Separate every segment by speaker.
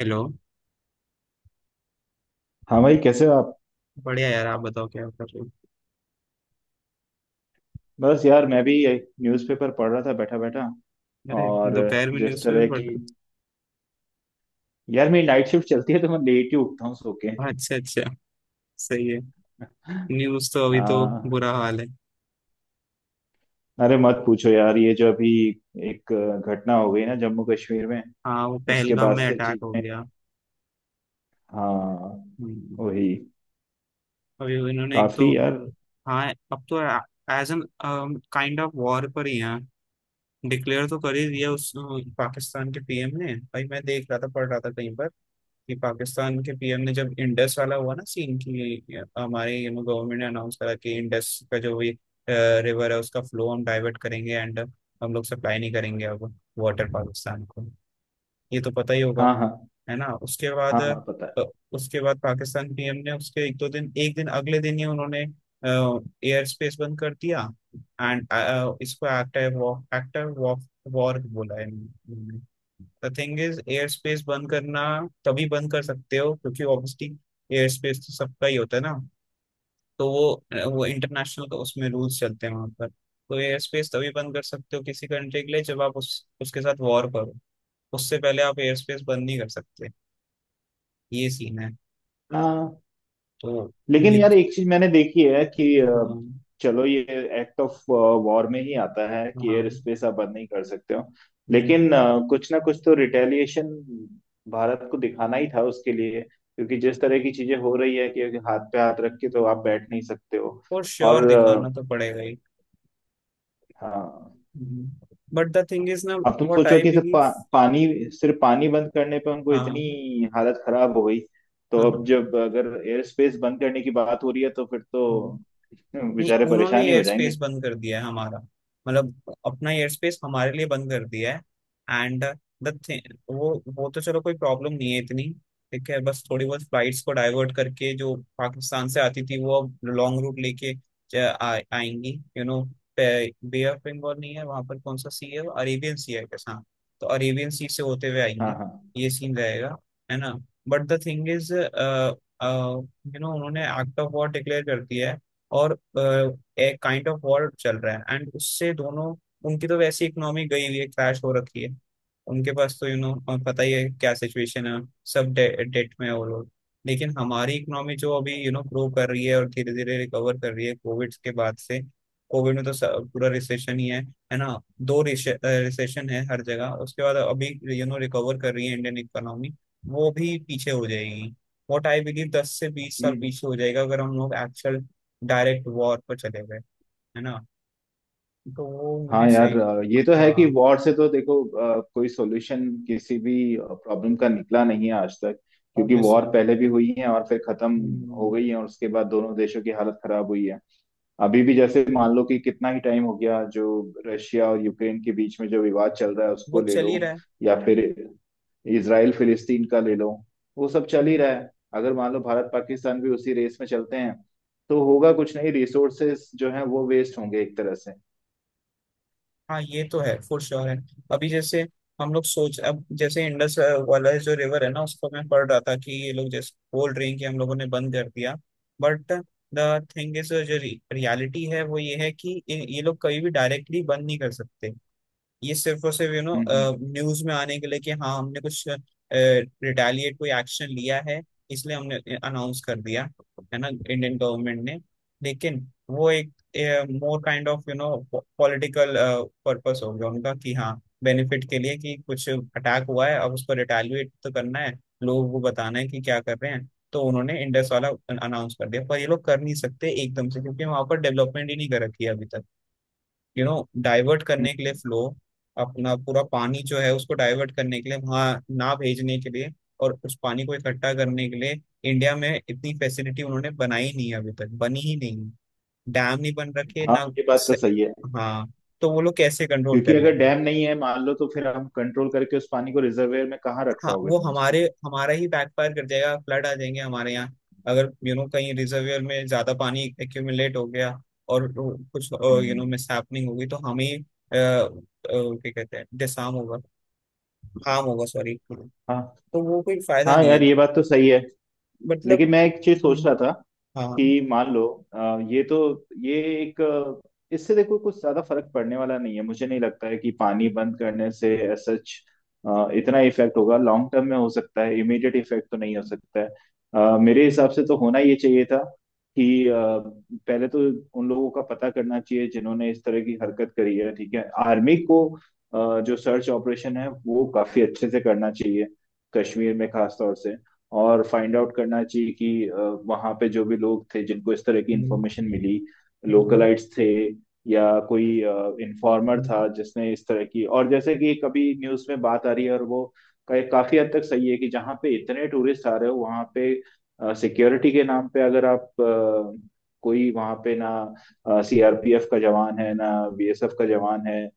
Speaker 1: Hello.
Speaker 2: हाँ भाई, कैसे हो आप?
Speaker 1: बढ़िया यार, आप बताओ क्या कर रहे हो?
Speaker 2: बस यार, मैं भी न्यूज़पेपर पढ़ रहा था बैठा बैठा।
Speaker 1: अरे।
Speaker 2: और
Speaker 1: दोपहर में
Speaker 2: जिस
Speaker 1: न्यूज़पेपर
Speaker 2: तरह
Speaker 1: पढ़
Speaker 2: की।
Speaker 1: रहे हो?
Speaker 2: यार, मेरी नाइट शिफ्ट चलती है तो मैं लेट ही उठता हूँ सो के।
Speaker 1: हाँ, अच्छा अच्छा। सही है। न्यूज़ तो अभी तो
Speaker 2: हाँ।
Speaker 1: बुरा हाल है।
Speaker 2: अरे मत पूछो यार, ये जो अभी एक घटना हो गई ना जम्मू कश्मीर में।
Speaker 1: हाँ, वो
Speaker 2: उसके
Speaker 1: पहलगाम
Speaker 2: बाद
Speaker 1: में
Speaker 2: से
Speaker 1: अटैक हो
Speaker 2: चीजें।
Speaker 1: गया।
Speaker 2: हाँ।
Speaker 1: हम्म,
Speaker 2: वही।
Speaker 1: अभी वो इन्होंने एक तो,
Speaker 2: काफी यार।
Speaker 1: हाँ, अब तो as an kind of war पर ही है। डिक्लेयर तो कर ही दिया उस पाकिस्तान के पीएम ने। भाई मैं देख रहा था, पढ़ रहा था कहीं पर कि पाकिस्तान के पीएम ने, जब इंडस वाला हुआ ना सीन, कि हमारे ये गवर्नमेंट ने अनाउंस करा कि इंडस का जो भी रिवर है उसका फ्लो हम डाइवर्ट करेंगे एंड हम लोग सप्लाई नहीं करेंगे अब वाटर पाकिस्तान को। ये तो पता ही होगा,
Speaker 2: हाँ, हाँ।
Speaker 1: है ना? उसके
Speaker 2: हाँ,
Speaker 1: बाद
Speaker 2: हाँ, पता है।
Speaker 1: उसके बाद पाकिस्तान पीएम ने उसके एक दो दिन, एक दिन अगले दिन ही उन्होंने एयर स्पेस बंद कर दिया एंड इसको active war, active war, war बोला है इन्होंने। The thing is air space बंद करना तभी बंद कर सकते हो क्योंकि ऑब्वियसली एयर स्पेस तो सबका ही होता है ना। तो वो इंटरनेशनल का, उसमें रूल्स चलते हैं वहां पर। तो एयर स्पेस तभी बंद कर सकते हो किसी कंट्री के लिए जब आप उस उसके साथ वॉर करो। उससे पहले आप एयर स्पेस बंद नहीं कर सकते। ये सीन है।
Speaker 2: हाँ।
Speaker 1: तो,
Speaker 2: लेकिन
Speaker 1: ये
Speaker 2: यार,
Speaker 1: तो,
Speaker 2: एक चीज मैंने देखी है कि
Speaker 1: हाँ
Speaker 2: चलो, ये एक्ट ऑफ वॉर में ही आता है कि
Speaker 1: हाँ,
Speaker 2: एयर स्पेस आप बंद नहीं कर सकते हो। लेकिन कुछ ना कुछ तो रिटेलिएशन भारत को दिखाना ही था उसके लिए, क्योंकि जिस तरह की चीजें हो रही है कि हाथ पे हाथ रख के तो आप बैठ नहीं सकते हो।
Speaker 1: फॉर श्योर
Speaker 2: और
Speaker 1: दिखाना तो पड़ेगा ही।
Speaker 2: हाँ।
Speaker 1: बट द थिंग इज ना,
Speaker 2: अब तुम
Speaker 1: व्हाट
Speaker 2: सोचो
Speaker 1: आई
Speaker 2: कि सिर्फ
Speaker 1: बिलीव।
Speaker 2: पानी, सिर्फ पानी बंद करने पे उनको इतनी
Speaker 1: हाँ
Speaker 2: हालत खराब हो गई। तो अब
Speaker 1: हाँ
Speaker 2: जब अगर एयर स्पेस बंद करने की बात हो रही है तो फिर तो
Speaker 1: हाँ, नहीं
Speaker 2: बेचारे
Speaker 1: उन्होंने
Speaker 2: परेशान ही हो
Speaker 1: एयर स्पेस
Speaker 2: जाएंगे।
Speaker 1: बंद कर दिया है हमारा, मतलब, अपना एयर स्पेस हमारे लिए बंद कर दिया है एंड द थिंग, वो तो चलो कोई प्रॉब्लम नहीं है इतनी। ठीक है, बस थोड़ी बहुत फ्लाइट्स को डाइवर्ट करके जो पाकिस्तान से आती थी वो अब लॉन्ग रूट लेके ज- आएंगी। You know, bay of Bengal नहीं है वहां पर, कौन सा सी है? अरेबियन सी है कैसा? तो अरेबियन सी से होते हुए आएंगी।
Speaker 2: हाँ, हाँ।
Speaker 1: ये सीन रहेगा, है ना? But the thing is, you know, उन्होंने एक्ट ऑफ वॉर डिक्लेयर कर दिया है और अ, एक काइंड ऑफ वॉर चल रहा है एंड उससे दोनों, उनकी तो वैसी इकोनॉमी गई हुई है, क्रैश हो रखी है। उनके पास तो, यू नो, पता ही है क्या सिचुएशन है। सब डेट में है वो लोग। लेकिन हमारी इकोनॉमी जो अभी यू नो ग्रो कर रही है और धीरे धीरे रिकवर कर रही है कोविड के बाद से। कोविड में तो पूरा रिसेशन ही है ना। दो रिसेशन है हर जगह, उसके बाद अभी यू नो रिकवर कर रही है इंडियन इकोनॉमी। वो भी पीछे हो जाएगी। वॉट आई बिलीव 10 से 20 साल
Speaker 2: हम्म।
Speaker 1: पीछे हो जाएगा अगर हम लोग एक्चुअल डायरेक्ट वॉर पर चले गए, है ना। तो वो मुझे
Speaker 2: हाँ यार,
Speaker 1: सही,
Speaker 2: ये तो है कि
Speaker 1: हाँ
Speaker 2: वॉर से तो देखो, कोई सॉल्यूशन किसी भी प्रॉब्लम का निकला नहीं है आज तक। क्योंकि वॉर
Speaker 1: ऑब्वियसली।
Speaker 2: पहले भी हुई है और फिर खत्म हो गई है, और उसके बाद दोनों देशों की हालत खराब हुई है। अभी भी जैसे मान लो कि कितना ही टाइम हो गया, जो रशिया और यूक्रेन के बीच में जो विवाद चल रहा है
Speaker 1: वो
Speaker 2: उसको ले
Speaker 1: चल
Speaker 2: लो।
Speaker 1: ही रहा है।
Speaker 2: या फिर इसराइल फिलिस्तीन का ले लो। वो सब चल ही
Speaker 1: हम्म,
Speaker 2: रहा है। अगर मान लो भारत पाकिस्तान भी उसी रेस में चलते हैं तो होगा कुछ नहीं, रिसोर्सेस जो है वो वेस्ट होंगे एक तरह से।
Speaker 1: हाँ, ये तो है, फॉर श्योर है। अभी जैसे हम लोग सोच, अब जैसे इंडस वाला जो रिवर है ना, उसको मैं पढ़ रहा था कि ये लोग जैसे कोल्ड ड्रिंक हम लोगों ने बंद कर दिया। बट द थिंग इज, जो रियलिटी है वो ये है कि ये लोग कभी भी डायरेक्टली बंद नहीं कर सकते। ये सिर्फ और सिर्फ यू नो
Speaker 2: हम्म, हम्म,
Speaker 1: न्यूज में आने के लिए कि हाँ, हमने कुछ रिटेलिएट, कोई एक्शन लिया है, इसलिए हमने अनाउंस कर दिया, है ना, इंडियन गवर्नमेंट ने। लेकिन वो एक more kind of, you know, political purpose हो गया उनका कि हाँ, बेनिफिट के लिए कि कुछ अटैक हुआ है, अब उसको रिटेलिएट तो करना है, लोगों को बताना है कि क्या कर रहे हैं, तो उन्होंने इंडस वाला अनाउंस कर दिया, पर ये लोग कर नहीं सकते एकदम से क्योंकि वहां पर डेवलपमेंट ही नहीं कर रखी है अभी तक, यू नो, डाइवर्ट करने के
Speaker 2: हम्म।
Speaker 1: लिए फ्लो, अपना पूरा पानी जो है उसको डाइवर्ट करने के लिए, वहां ना भेजने के लिए और उस पानी को इकट्ठा करने के लिए इंडिया में इतनी फैसिलिटी उन्होंने बनाई नहीं है अभी तक, बनी ही नहीं। डैम नहीं बन रखे
Speaker 2: हाँ,
Speaker 1: ना।
Speaker 2: ये बात तो
Speaker 1: से-
Speaker 2: सही है।
Speaker 1: हाँ, तो वो लोग कैसे कंट्रोल
Speaker 2: क्योंकि
Speaker 1: कर
Speaker 2: अगर
Speaker 1: लेंगे।
Speaker 2: डैम नहीं है मान लो, तो फिर हम कंट्रोल करके उस पानी को रिजर्वेयर में कहाँ रख
Speaker 1: हाँ,
Speaker 2: पाओगे
Speaker 1: वो
Speaker 2: तुम
Speaker 1: हमारे
Speaker 2: उसको?
Speaker 1: हमारा ही बैकफायर कर जाएगा, फ्लड आ जाएंगे हमारे यहाँ अगर यू नो कहीं रिजर्वियर में ज्यादा पानी एक्यूमुलेट हो गया और वो कुछ यू नो
Speaker 2: हम्म।
Speaker 1: मिस होगी, तो हमें क्या कहते हैं, डिसार्म होगा, हार्म होगा, सॉरी। तो
Speaker 2: हाँ
Speaker 1: वो कोई फायदा
Speaker 2: हाँ
Speaker 1: नहीं है,
Speaker 2: यार, ये बात तो सही है।
Speaker 1: मतलब।
Speaker 2: लेकिन मैं एक चीज सोच
Speaker 1: हम्म,
Speaker 2: रहा था
Speaker 1: हाँ,
Speaker 2: कि मान लो, ये तो, ये एक, इससे देखो कुछ ज्यादा फर्क पड़ने वाला नहीं है, मुझे नहीं लगता है कि पानी बंद करने से सच इतना इफेक्ट होगा। लॉन्ग टर्म में हो सकता है, इमीडिएट इफेक्ट तो नहीं हो सकता है। मेरे हिसाब से तो होना ये चाहिए था कि पहले तो उन लोगों का पता करना चाहिए जिन्होंने इस तरह की हरकत करी है। ठीक है, आर्मी को जो सर्च ऑपरेशन है वो काफी अच्छे से करना चाहिए, कश्मीर में खास तौर से। और फाइंड आउट करना चाहिए कि वहाँ पे जो भी लोग थे जिनको इस तरह की इंफॉर्मेशन मिली,
Speaker 1: हम्म, हम्म,
Speaker 2: लोकलाइट्स थे या कोई इन्फॉर्मर
Speaker 1: हम्म।
Speaker 2: था जिसने इस तरह की। और जैसे कि कभी न्यूज़ में बात आ रही है और वो काफी हद तक सही है कि जहाँ पे इतने टूरिस्ट आ रहे हो वहाँ पे सिक्योरिटी के नाम पे अगर आप कोई वहाँ पे ना सीआरपीएफ का जवान है ना बीएसएफ का जवान है।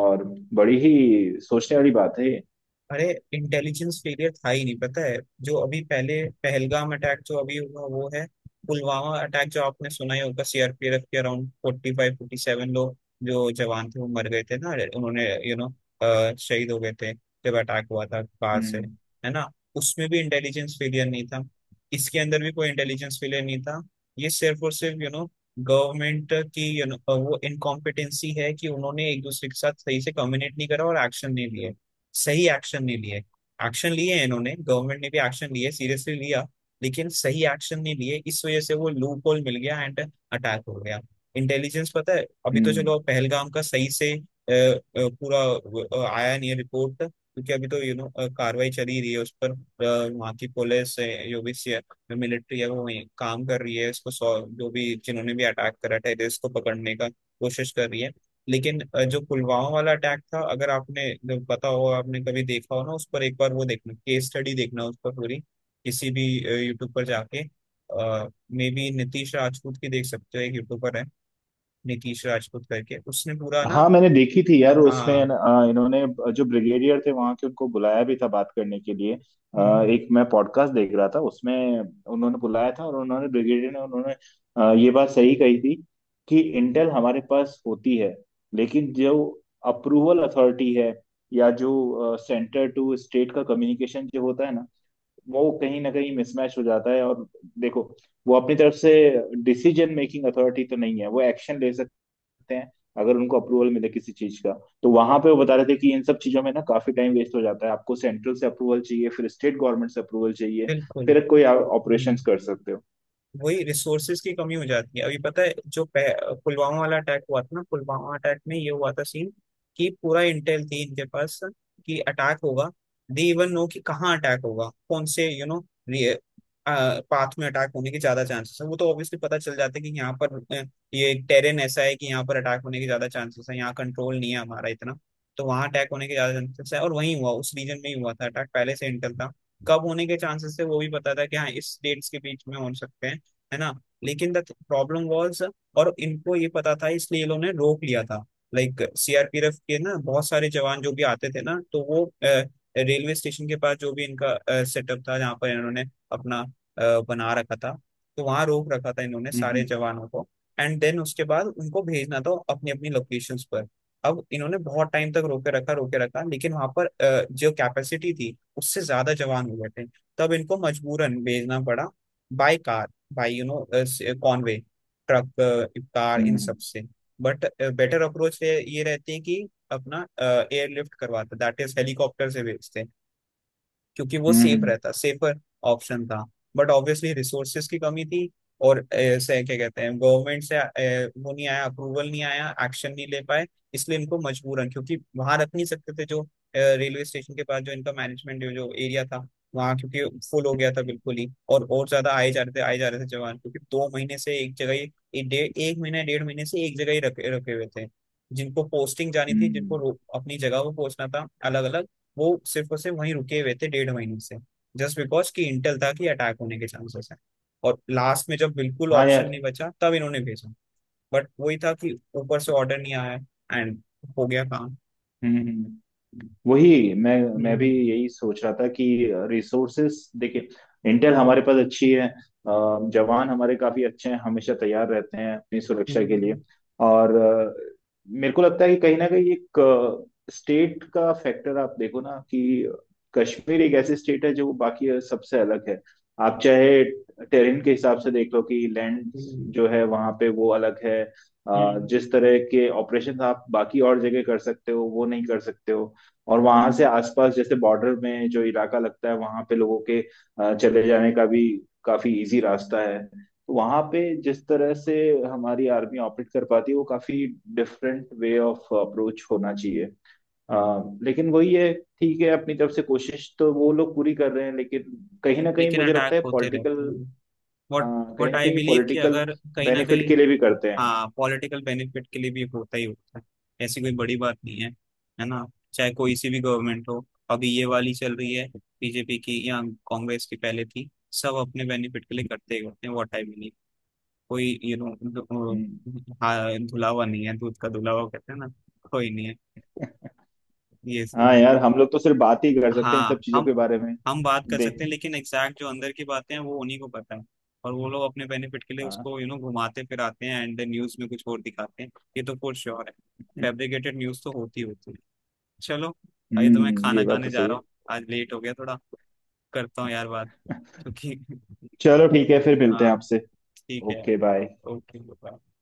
Speaker 2: और बड़ी ही सोचने वाली बात है ये।
Speaker 1: अरे इंटेलिजेंस फेलियर था ही नहीं, पता है। जो अभी पहले पहलगाम अटैक जो अभी हुआ वो है, पुलवामा अटैक जो आपने सुना ही होगा, सीआरपीएफ के अराउंड 45-47 लोग जो जवान थे वो मर गए थे ना। उन्होंने, यू नो, शहीद हो गए थे जब अटैक हुआ था कार से,
Speaker 2: हम्म,
Speaker 1: है ना। उसमें भी इंटेलिजेंस फेलियर नहीं था, इसके अंदर भी कोई इंटेलिजेंस फेलियर नहीं था। ये सिर्फ और सिर्फ, यू नो, गवर्नमेंट की, यू नो, वो इनकॉम्पिटेंसी है कि उन्होंने एक दूसरे के साथ सही से कम्युनिकेट नहीं करा और एक्शन नहीं लिए, सही एक्शन नहीं लिए। एक्शन लिए हैं इन्होंने, गवर्नमेंट ने भी एक्शन लिए, सीरियसली लिया। लेकिन सही एक्शन नहीं लिए, इस वजह से वो लूप होल मिल गया एंड अटैक हो गया। इंटेलिजेंस, पता है, अभी तो
Speaker 2: हम्म।
Speaker 1: चलो पहलगाम का सही से पूरा आया नहीं है रिपोर्ट, क्योंकि अभी तो यू नो कार्रवाई चली रही है उस पर, वहाँ की पुलिस है, जो भी मिलिट्री है वो वहीं काम कर रही है, इसको जो भी, जिन्होंने भी अटैक करा टेररिस्ट को पकड़ने का कोशिश कर रही है। लेकिन जो पुलवामा वाला अटैक था, अगर आपने, जब पता हो, आपने कभी देखा हो ना उस पर, एक बार वो देखना, केस स्टडी देखना, उस पर पूरी किसी भी यूट्यूब पर जाके, मे बी नीतीश राजपूत की देख सकते हो, एक यूट्यूबर है नीतीश राजपूत करके, उसने पूरा ना।
Speaker 2: हाँ, मैंने देखी थी यार। उसमें
Speaker 1: हाँ,
Speaker 2: इन्होंने जो ब्रिगेडियर थे वहां के उनको बुलाया भी था बात करने के लिए,
Speaker 1: हम्म,
Speaker 2: एक मैं पॉडकास्ट देख रहा था उसमें, उन्होंने बुलाया था। और उन्होंने ब्रिगेडियर ने उन्होंने ये बात सही कही थी कि इंटेल हमारे पास होती है, लेकिन जो अप्रूवल अथॉरिटी है या जो सेंटर टू स्टेट का कम्युनिकेशन जो होता है ना, वो कहीं ना कहीं मिसमैच हो जाता है। और देखो, वो अपनी तरफ से डिसीजन मेकिंग अथॉरिटी तो नहीं है, वो एक्शन ले सकती सकते हैं अगर उनको अप्रूवल मिले किसी चीज का। तो वहां पे वो बता रहे थे कि इन सब चीजों में ना काफी टाइम वेस्ट हो जाता है, आपको सेंट्रल से अप्रूवल चाहिए फिर स्टेट गवर्नमेंट से अप्रूवल चाहिए
Speaker 1: बिल्कुल।
Speaker 2: फिर कोई ऑपरेशन कर सकते हो।
Speaker 1: वही रिसोर्सेज की कमी हो जाती है, अभी पता है जो पुलवामा वाला अटैक हुआ था ना, पुलवामा अटैक में ये हुआ था सीन कि पूरा इंटेल थी इनके पास कि अटैक होगा। दे इवन नो कि कहाँ अटैक होगा, कौन से, यू नो, पाथ में अटैक होने के ज्यादा चांसेस है, वो तो ऑब्वियसली पता चल जाता है कि यहाँ पर ये टेरेन ऐसा है कि यहाँ पर अटैक होने के ज्यादा चांसेस है, यहाँ कंट्रोल नहीं है हमारा इतना। तो वहाँ अटैक होने के ज्यादा चांसेस है, और वहीं हुआ, उस रीजन में ही हुआ था अटैक, पहले से इंटेल था कब होने के चांसेस थे, वो भी पता था कि हाँ इस डेट्स के बीच में हो सकते हैं, है ना। लेकिन द प्रॉब्लम वाज, और इनको ये पता था इसलिए ये लोगों ने रोक लिया था, लाइक सीआरपीएफ के ना बहुत सारे जवान जो भी आते थे ना, तो वो रेलवे स्टेशन के पास, जो भी इनका सेटअप था, जहाँ पर इन्होंने अपना बना रखा था, तो वहां रोक रखा था इन्होंने सारे
Speaker 2: हम्म,
Speaker 1: जवानों को। एंड देन उसके बाद उनको भेजना था अपनी अपनी लोकेशंस पर। अब इन्होंने बहुत टाइम तक रोके रखा, रोके रखा, लेकिन वहां पर जो कैपेसिटी थी उससे ज्यादा जवान हो गए थे। तब इनको मजबूरन भेजना पड़ा, by car, by you know Conway, truck, इफ्तार, इन
Speaker 2: हम्म,
Speaker 1: सब से। बट बेटर अप्रोच ये रहती है कि अपना एयरलिफ्ट करवाते, दैट इज हेलीकॉप्टर से भेजते, क्योंकि वो
Speaker 2: हम्म,
Speaker 1: सेफ
Speaker 2: हम्म,
Speaker 1: रहता, सेफर ऑप्शन था। बट ऑब्वियसली रिसोर्सेज की कमी थी, और ऐसे क्या कहते हैं, गवर्नमेंट से वो नहीं आया, अप्रूवल नहीं आया, एक्शन नहीं ले पाए। इसलिए इनको मजबूरन, क्योंकि वहां रख नहीं सकते थे, जो रेलवे स्टेशन के पास जो इनका मैनेजमेंट, जो एरिया था वहाँ, क्योंकि फुल हो गया था बिल्कुल ही, और ज्यादा आए जा रहे थे, आए जा रहे थे जवान, क्योंकि 2 महीने से एक जगह ही, एक डेढ़, एक महीना, डेढ़ महीने से एक जगह ही रखे रखे हुए थे, जिनको पोस्टिंग जानी थी,
Speaker 2: हम्म,
Speaker 1: जिनको
Speaker 2: हम्म।
Speaker 1: अपनी जगह पर पहुंचना था, अलग अलग। वो सिर्फ और सिर्फ वहीं रुके हुए थे डेढ़ महीने से, जस्ट बिकॉज कि इंटेल था कि अटैक होने के चांसेस हैं। और लास्ट में जब बिल्कुल
Speaker 2: हाँ
Speaker 1: ऑप्शन
Speaker 2: यार।
Speaker 1: नहीं बचा तब इन्होंने भेजा। बट वही था कि ऊपर से ऑर्डर नहीं आया एंड हो गया काम।
Speaker 2: हम्म, हम्म। वही, मैं भी
Speaker 1: हम्म,
Speaker 2: यही सोच रहा था कि रिसोर्सेस देखिए, इंटेल हमारे पास अच्छी है, जवान हमारे काफी अच्छे हैं, हमेशा तैयार रहते हैं अपनी सुरक्षा के लिए।
Speaker 1: हम्म,
Speaker 2: और मेरे को लगता है कि कहीं ना कहीं एक स्टेट का फैक्टर। आप देखो ना कि कश्मीर एक ऐसी स्टेट है जो बाकी सबसे अलग है। आप चाहे टेरेन के हिसाब से देख लो कि लैंड
Speaker 1: हम्म,
Speaker 2: जो है वहां पे वो अलग है,
Speaker 1: हम्म।
Speaker 2: जिस तरह के ऑपरेशन आप बाकी और जगह कर सकते हो वो नहीं कर सकते हो। और वहां से आसपास जैसे बॉर्डर में जो इलाका लगता है वहां पे लोगों के चले जाने का भी काफी इजी रास्ता है, तो वहां पे जिस तरह से हमारी आर्मी ऑपरेट कर पाती है, वो काफी डिफरेंट वे ऑफ अप्रोच होना चाहिए। अ, लेकिन वही है, ठीक है, अपनी तरफ से कोशिश तो वो लोग पूरी कर रहे हैं, लेकिन कहीं ना कहीं
Speaker 1: लेकिन
Speaker 2: मुझे लगता
Speaker 1: अटैक
Speaker 2: है
Speaker 1: होते
Speaker 2: पॉलिटिकल।
Speaker 1: रहते हैं। वट
Speaker 2: हाँ, कहीं
Speaker 1: वट
Speaker 2: ना
Speaker 1: आई
Speaker 2: कहीं
Speaker 1: बिलीव कि
Speaker 2: पॉलिटिकल
Speaker 1: अगर कहीं ना
Speaker 2: बेनिफिट
Speaker 1: कहीं,
Speaker 2: के लिए भी करते हैं।
Speaker 1: हाँ, पॉलिटिकल बेनिफिट के लिए भी होता ही होता है। ऐसी कोई बड़ी बात नहीं है, है ना। चाहे कोई सी भी गवर्नमेंट हो, अभी ये वाली चल रही है बीजेपी की, या कांग्रेस की पहले थी, सब अपने बेनिफिट के लिए करते ही होते हैं। वो टाइम नहीं, कोई यू नो,
Speaker 2: हम्म।
Speaker 1: हाँ, धुलावा नहीं है, दूध का धुलावा कहते हैं ना, कोई नहीं है। ये सीन
Speaker 2: हाँ
Speaker 1: है।
Speaker 2: यार, हम लोग तो सिर्फ बात ही कर सकते हैं इन
Speaker 1: हाँ,
Speaker 2: सब चीजों
Speaker 1: हम
Speaker 2: के बारे में।
Speaker 1: हम बात कर
Speaker 2: देख।
Speaker 1: सकते हैं, लेकिन एग्जैक्ट जो अंदर की बातें हैं वो उन्हीं को पता है, और वो लोग अपने बेनिफिट के लिए
Speaker 2: हाँ।
Speaker 1: उसको, यू नो, घुमाते फिराते हैं एंड न्यूज में कुछ और दिखाते हैं। ये तो फॉर श्योर है, फैब्रिकेटेड न्यूज तो होती होती है। चलो, अभी तो मैं
Speaker 2: हम्म, ये
Speaker 1: खाना
Speaker 2: बात तो
Speaker 1: खाने जा
Speaker 2: सही
Speaker 1: रहा
Speaker 2: है।
Speaker 1: हूँ, आज लेट हो गया थोड़ा, करता हूँ यार बात, क्योंकि
Speaker 2: चलो, ठीक है, फिर मिलते हैं
Speaker 1: हाँ,
Speaker 2: आपसे।
Speaker 1: ठीक है
Speaker 2: ओके बाय।
Speaker 1: यार। Okay bye.